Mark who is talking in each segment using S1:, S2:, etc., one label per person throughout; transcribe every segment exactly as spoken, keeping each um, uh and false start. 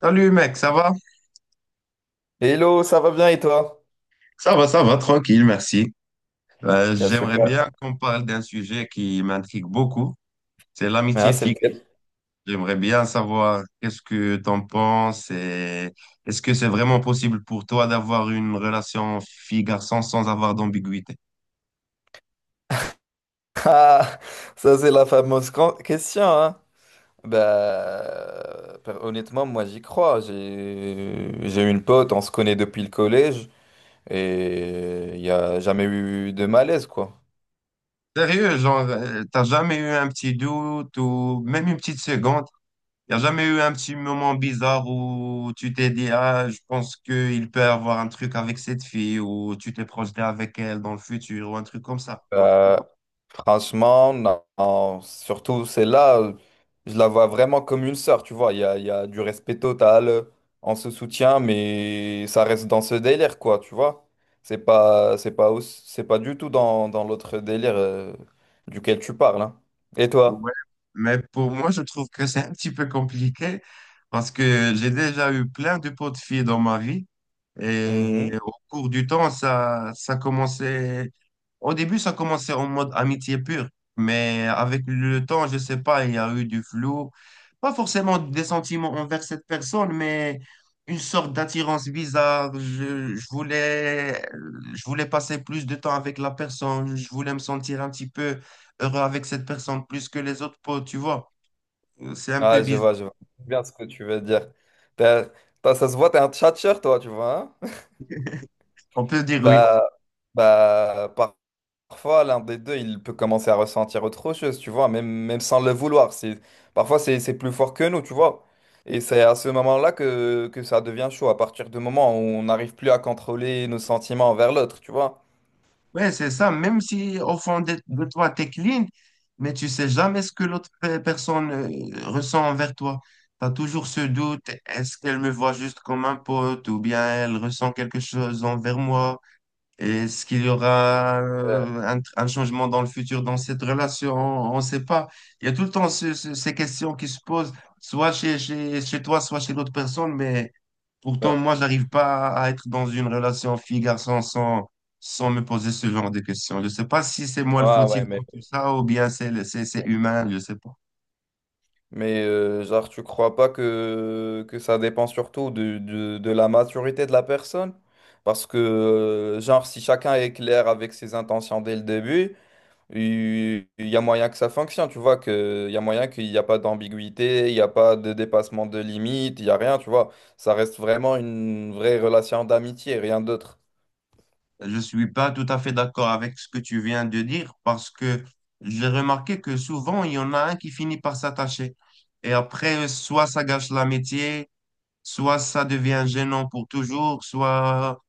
S1: Salut mec, ça va?
S2: Hello, ça va bien et toi?
S1: Ça va, ça va, tranquille, merci. Euh,
S2: Ah,
S1: j'aimerais
S2: super.
S1: bien qu'on parle d'un sujet qui m'intrigue beaucoup, c'est
S2: Ah,
S1: l'amitié
S2: c'est
S1: fille.
S2: lequel?
S1: J'aimerais bien savoir qu'est-ce que t'en penses et est-ce que c'est vraiment possible pour toi d'avoir une relation fille-garçon sans avoir d'ambiguïté?
S2: Ah, ça c'est la fameuse gran- question, hein? Bah, per- honnêtement, moi j'y crois. J'ai j'ai une pote, on se connaît depuis le collège et il n'y a jamais eu de malaise, quoi.
S1: Sérieux, genre, euh, t'as jamais eu un petit doute ou même une petite seconde? Il n'y a jamais eu un petit moment bizarre où tu t'es dit, ah, je pense qu'il peut avoir un truc avec cette fille ou tu t'es projeté avec elle dans le futur ou un truc comme ça.
S2: Euh, Franchement, non, non, surtout celle-là, euh, je la vois vraiment comme une sœur, tu vois. Il y a, il y a du respect total, on se soutient, mais ça reste dans ce délire, quoi, tu vois. C'est pas, c'est pas, au- c'est pas du tout dans, dans l'autre délire euh, duquel tu parles, hein. Et toi?
S1: Ouais. Mais pour moi, je trouve que c'est un petit peu compliqué parce que j'ai déjà eu plein de potes filles dans ma vie. Et
S2: Mhm.
S1: au cours du temps, ça, ça commençait. Au début, ça commençait en mode amitié pure. Mais avec le temps, je sais pas, il y a eu du flou. Pas forcément des sentiments envers cette personne, mais une sorte d'attirance bizarre. Je, je voulais, je voulais passer plus de temps avec la personne. Je voulais me sentir un petit peu heureux avec cette personne plus que les autres potes, tu vois. C'est un peu
S2: Ah, je
S1: bizarre.
S2: vois, je vois bien ce que tu veux dire. T'as- t'as- Ça se voit, t'es un tchatcheur, toi, tu vois, hein.
S1: On peut dire oui.
S2: Bah, bah, par- Parfois, l'un des deux, il peut commencer à ressentir autre chose, tu vois, même, même sans le vouloir. C'est, parfois, c'est, c'est plus fort que nous, tu vois. Et c'est à ce moment-là que, que ça devient chaud, à partir du moment où on n'arrive plus à contrôler nos sentiments envers l'autre, tu vois.
S1: Ouais, c'est ça. Même si au fond de, de toi, t'es clean, mais tu sais jamais ce que l'autre pe- personne euh, ressent envers toi. Tu as toujours ce doute, est-ce qu'elle me voit juste comme un pote ou bien elle ressent quelque chose envers moi? Est-ce qu'il y aura
S2: Ouais,
S1: euh, un, un changement dans le futur dans cette relation? On ne sait pas. Il y a tout le temps ce- ce- ces questions qui se posent, soit chez, chez, chez toi, soit chez l'autre personne, mais
S2: ouais,
S1: pourtant, moi, j'arrive pas à être dans une relation fille-garçon sans, sans me poser ce genre de questions. Je sais pas si c'est moi le
S2: ouais, ouais,
S1: fautif dans
S2: mais
S1: tout ça ou bien c'est le- c'est c'est humain, je sais pas.
S2: mais euh, genre, tu crois pas que, que ça dépend surtout de, de, de la maturité de la personne? Parce que, euh, genre, si chacun est clair avec ses intentions dès le début, Il il y a moyen que ça fonctionne, tu vois, que il y a moyen qu'il n'y a pas d'ambiguïté, il n'y a pas de dépassement de limite, il n'y a rien, tu vois. Ça reste vraiment une vraie relation d'amitié, rien d'autre.
S1: Je suis pas tout à fait d'accord avec ce que tu viens de dire parce que j'ai remarqué que souvent, il y en a un qui finit par s'attacher. Et après, soit ça gâche l'amitié, soit ça devient gênant pour toujours, soit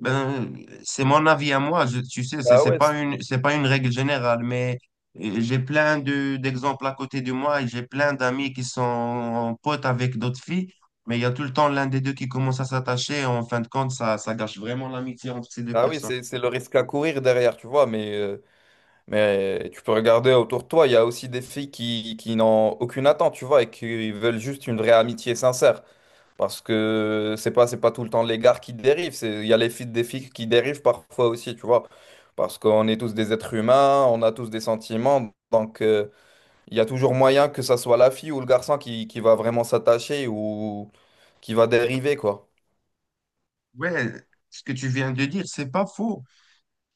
S1: ben, c'est mon avis à moi. Je, tu sais, c'est
S2: Ah
S1: c'est
S2: ouais,
S1: pas
S2: c'est-
S1: une, c'est pas une règle générale, mais euh, j'ai plein de, d'exemples à côté de moi et j'ai plein d'amis qui sont potes avec d'autres filles, mais il y a tout le temps l'un des deux qui commence à s'attacher. En fin de compte, ça, ça gâche vraiment l'amitié entre ces deux
S2: ah oui,
S1: personnes.
S2: c'est c'est le risque à courir derrière, tu vois, mais, euh, mais tu peux regarder autour de toi, il y a aussi des filles qui, qui n'ont aucune attente, tu vois, et qui veulent juste une vraie amitié sincère. Parce que c'est pas, c'est pas tout le temps les gars qui dérivent, c'est, il y a les filles des filles qui dérivent parfois aussi, tu vois. Parce qu'on est tous des êtres humains, on a tous des sentiments, donc euh, il y a toujours moyen que ça soit la fille ou le garçon qui, qui va vraiment s'attacher ou qui va dériver, quoi.
S1: Ouais, ce que tu viens de dire, c'est pas faux.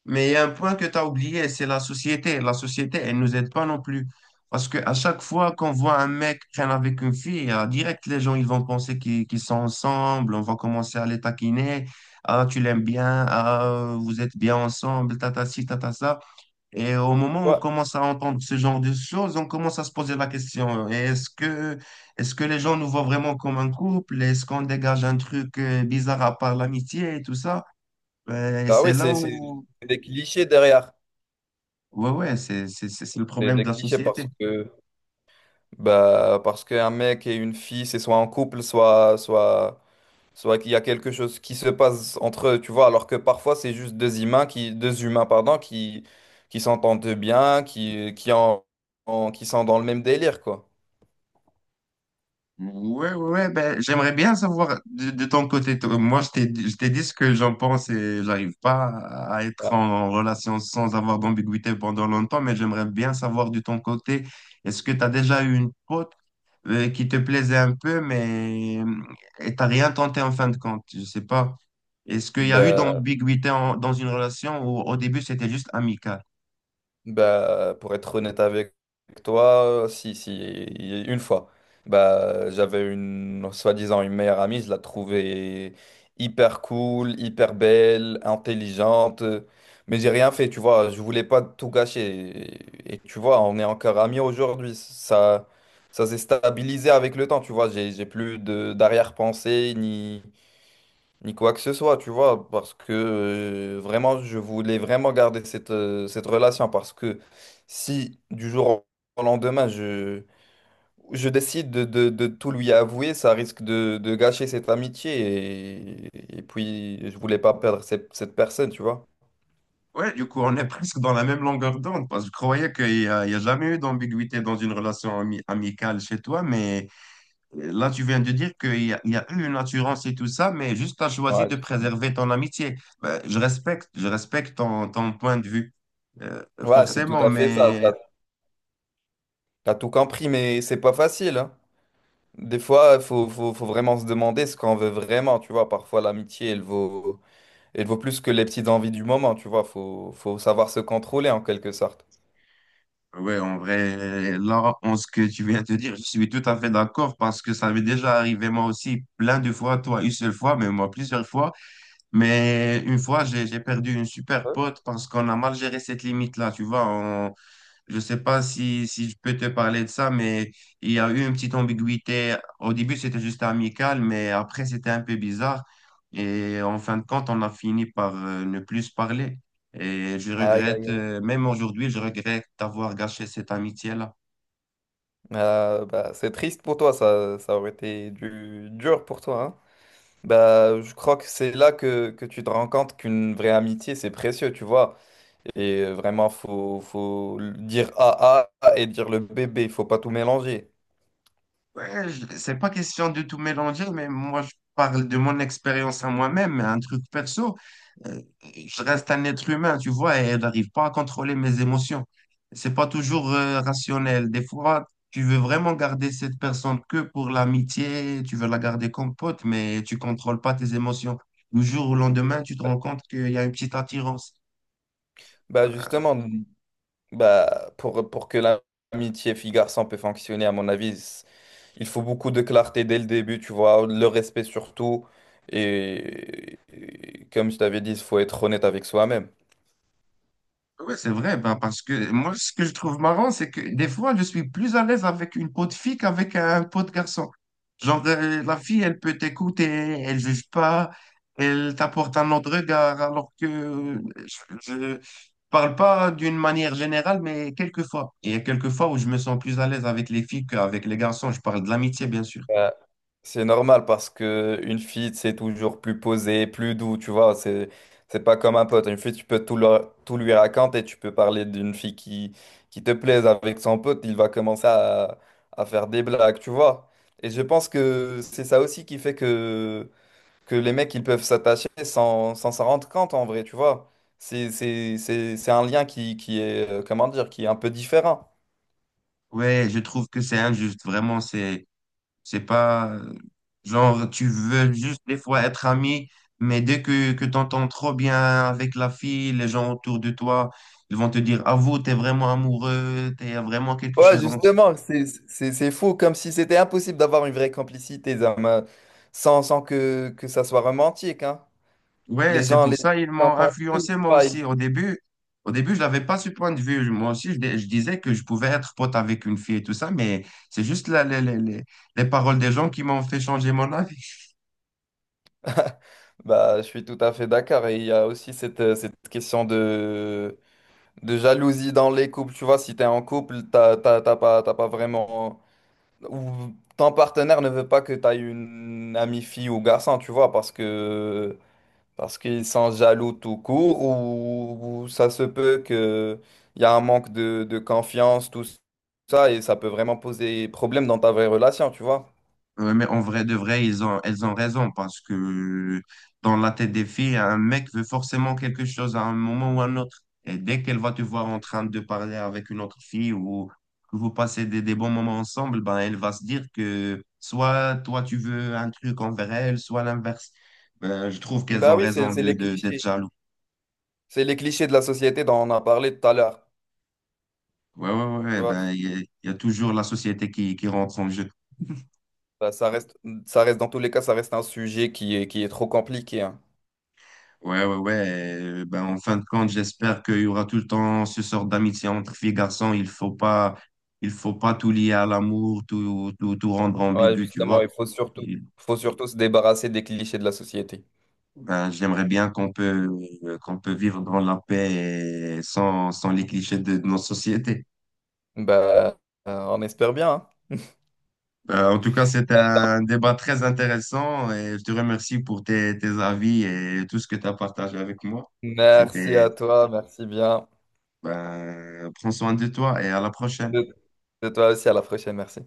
S1: Mais il y a un point que tu as oublié, c'est la société. La société, elle nous aide pas non plus. Parce que à chaque fois qu'on voit un mec traîner avec une fille, euh, direct, les gens, ils vont penser qu'ils qu'ils sont ensemble, on va commencer à les taquiner. Ah, tu l'aimes bien, ah, vous êtes bien ensemble, tata ci, tata ça. Et au moment où on
S2: Ouais.
S1: commence à entendre ce genre de choses, on commence à se poser la question, euh, est-ce que, est-ce que les gens nous voient vraiment comme un couple? Est-ce qu'on dégage un truc euh, bizarre à part l'amitié et tout ça? Euh, Et
S2: Ah
S1: c'est
S2: oui,
S1: là
S2: c'est c'est-
S1: où
S2: c'est des clichés derrière.
S1: ouais, ouais, c'est, c'est, c'est c'est le
S2: C'est
S1: problème de
S2: des
S1: la
S2: clichés parce
S1: société.
S2: que bah parce qu'un mec et une fille, c'est soit en couple, soit soit soit qu'il y a quelque chose qui se passe entre eux, tu vois, alors que parfois c'est juste deux humains qui, deux humains, pardon, qui, qui s'entendent bien, qui, qui, en, en- qui sont dans le même délire, quoi.
S1: Ouais, ouais, ouais, ben, j'aimerais bien savoir de, de ton côté. Toi. Moi, je t'ai, je t'ai dit ce que j'en pense et j'arrive pas à être
S2: Ouais.
S1: en relation sans avoir d'ambiguïté pendant longtemps, mais j'aimerais bien savoir de ton côté, est-ce que tu as déjà eu une pote euh, qui te plaisait un peu, mais et t'as rien tenté en fin de compte? Je sais pas. Est-ce qu'il y a eu
S2: Ben,
S1: d'ambiguïté en- dans une relation où au début c'était juste amical?
S2: Bah, pour être honnête avec toi, si, si, une fois. Bah, j'avais une, soi-disant, une meilleure amie, je la trouvais hyper cool, hyper belle, intelligente, mais j'ai rien fait, tu vois, je voulais pas tout gâcher. Et, et tu vois, on est encore amis aujourd'hui, ça, ça s'est stabilisé avec le temps, tu vois, j'ai, j'ai plus de d'arrière-pensée, ni ni quoi que ce soit, tu vois, parce que euh, vraiment, je voulais vraiment garder cette, euh, cette relation, parce que si du jour au lendemain, je, je décide de, de- de tout lui avouer, ça risque de, de gâcher cette amitié, et, et puis je voulais pas perdre cette, cette personne, tu vois.
S1: Ouais, du coup, on est presque dans la même longueur d'onde parce que je croyais qu'il n'y a, il y a jamais eu d'ambiguïté dans une relation ami- amicale chez toi, mais euh, là, tu viens de dire qu'il y a, il y a eu une assurance et tout ça, mais juste tu as choisi
S2: Ouais,
S1: de
S2: c'est
S1: préserver ton amitié. Ben, je respecte, je respecte ton, ton point de vue, euh,
S2: Ouais, c'est tout
S1: forcément,
S2: à fait ça,
S1: mais
S2: t'as, t'as tout compris, mais c'est pas facile, hein. Des fois, il faut, faut faut vraiment se demander ce qu'on veut vraiment, tu vois, parfois l'amitié, elle vaut... Et il vaut plus que les petites envies du moment, tu vois. Faut, faut savoir se contrôler en quelque sorte.
S1: ouais, en vrai, là, en ce que tu viens de dire, je suis tout à fait d'accord parce que ça m'est déjà arrivé moi aussi plein de fois, toi une seule fois, mais moi plusieurs fois. Mais une fois, j'ai j'ai perdu une super
S2: Ouais.
S1: pote parce qu'on a mal géré cette limite-là, tu vois. On- je sais pas si, si je peux te parler de ça, mais il y a eu une petite ambiguïté. Au début, c'était juste amical, mais après, c'était un peu bizarre. Et en fin de compte, on a fini par euh, ne plus se parler. Et je
S2: Aïe, aïe,
S1: regrette,
S2: aïe.
S1: euh, même aujourd'hui, je regrette d'avoir gâché cette amitié-là.
S2: Euh, bah, c'est triste pour toi, ça, ça aurait été du, dur pour toi, hein. Bah, je crois que c'est là que, que tu te rends compte qu'une vraie amitié, c'est précieux, tu vois. Et vraiment, faut, faut le dire A A et dire le bébé, il faut pas tout mélanger.
S1: Ouais, je- c'est pas question de tout mélanger, mais moi, je parle de mon expérience à moi-même, un truc perso. Euh, je reste un être humain, tu vois, et je n'arrive pas à contrôler mes émotions. C'est pas toujours euh, rationnel. Des fois, tu veux vraiment garder cette personne que pour l'amitié, tu veux la garder comme pote, mais tu contrôles pas tes émotions. Du jour au lendemain, tu te rends compte qu'il y a une petite attirance.
S2: Bah, justement, bah, pour, pour que l'amitié fille-garçon peut fonctionner, à mon avis, il faut beaucoup de clarté dès le début, tu vois, le respect surtout. Et, et comme je t'avais dit, il faut être honnête avec soi-même.
S1: Oui, c'est vrai, bah, parce que moi, ce que je trouve marrant, c'est que des fois, je suis plus à l'aise avec une peau de fille qu'avec un peau de garçon. Genre, euh, la fille, elle peut t'écouter, elle juge pas, elle t'apporte un autre regard, alors que euh, je, je parle pas d'une manière générale, mais quelquefois. Il y a quelques fois où je me sens plus à l'aise avec les filles qu'avec les garçons. Je parle de l'amitié, bien sûr.
S2: Euh, c'est normal parce que une fille, c'est toujours plus posé, plus doux, tu vois. C'est, c'est pas comme un pote. Une fille, tu peux tout, leur- tout lui raconter. Tu peux parler d'une fille qui, qui te plaise avec son pote. Il va commencer à, à faire des blagues, tu vois. Et je pense que c'est ça aussi qui fait que que les mecs ils peuvent s'attacher sans sans s'en rendre compte en vrai, tu vois. C'est c'est- c'est- c'est un lien qui, qui est, euh, comment dire, qui est un peu différent.
S1: Ouais, je trouve que c'est injuste, vraiment, c'est C'est pas euh, genre tu veux juste des fois être ami, mais dès que, que tu entends trop bien avec la fille, les gens autour de toi, ils vont te dire, ah vous, t'es vraiment amoureux, t'es vraiment quelque
S2: Ouais,
S1: chose entre.
S2: justement, c'est c'est- c'est fou, comme si c'était impossible d'avoir une vraie complicité Zama, sans, sans que, que ça soit romantique, hein.
S1: Ouais,
S2: Les
S1: c'est
S2: gens,
S1: pour
S2: les
S1: ça ils
S2: gens
S1: m'ont
S2: font tout, tu
S1: influencé moi
S2: ils-
S1: aussi. Au début, au début, je n'avais pas ce point de vue. Moi aussi, je, dis- je disais que je pouvais être pote avec une fille et tout ça, mais c'est juste la- les, les, les les paroles des gens qui m'ont fait changer mon avis.
S2: bah, je suis tout à fait d'accord. Et il y a aussi cette, euh, cette question de, de jalousie dans les couples. Tu vois, si t'es en couple, t'as t'as- t'as pas, t'as pas vraiment, ou ton partenaire ne veut pas que tu aies une amie fille ou garçon, tu vois, parce que parce qu'ils sont jaloux tout court, ou, ou ça se peut que il y a un manque de, de confiance, tout ça, et ça peut vraiment poser problème dans ta vraie relation, tu vois.
S1: Ouais, mais en vrai de vrai, ils ont, elles ont raison parce que dans la tête des filles, un mec veut forcément quelque chose à un moment ou à un autre. Et dès qu'elle va te voir en train de parler avec une autre fille ou que vous passez des, des bons moments ensemble, ben elle va se dire que soit toi tu veux un truc envers elle, soit l'inverse. Ben, je trouve qu'elles
S2: Bah
S1: ont
S2: oui, c'est
S1: raison
S2: c'est
S1: de,
S2: les
S1: de- d'être
S2: clichés.
S1: jaloux.
S2: C'est les clichés de la société dont on a parlé tout à l'heure.
S1: Ouais, ouais,
S2: Tu
S1: ouais,
S2: vois,
S1: ben il y, a il y a toujours la société qui, qui rentre en jeu.
S2: ça, ça reste, ça reste, dans tous les cas, ça reste un sujet qui est, qui est trop compliqué, hein.
S1: Ouais, ouais, ouais. euh, Ben, en fin de compte, j'espère qu'il y aura tout le temps ce sort d'amitié entre filles et garçons. Il faut pas, il faut pas tout lier à l'amour, tout, tout, tout rendre
S2: Ouais,
S1: ambigu, tu
S2: justement,
S1: vois.
S2: il faut surtout,
S1: Et,
S2: faut surtout se débarrasser des clichés de la société.
S1: ben, j'aimerais bien qu'on peut, euh, qu'on peut vivre dans la paix et sans, sans les clichés de, de nos sociétés.
S2: Bah, euh, on espère bien, hein.
S1: Ben, en tout cas, c'était un débat très intéressant et je te remercie pour tes, tes avis et tout ce que tu as partagé avec moi.
S2: Merci
S1: C'était,
S2: à toi, merci bien.
S1: ben, prends soin de toi et à la prochaine.
S2: De de toi aussi, à la prochaine, merci.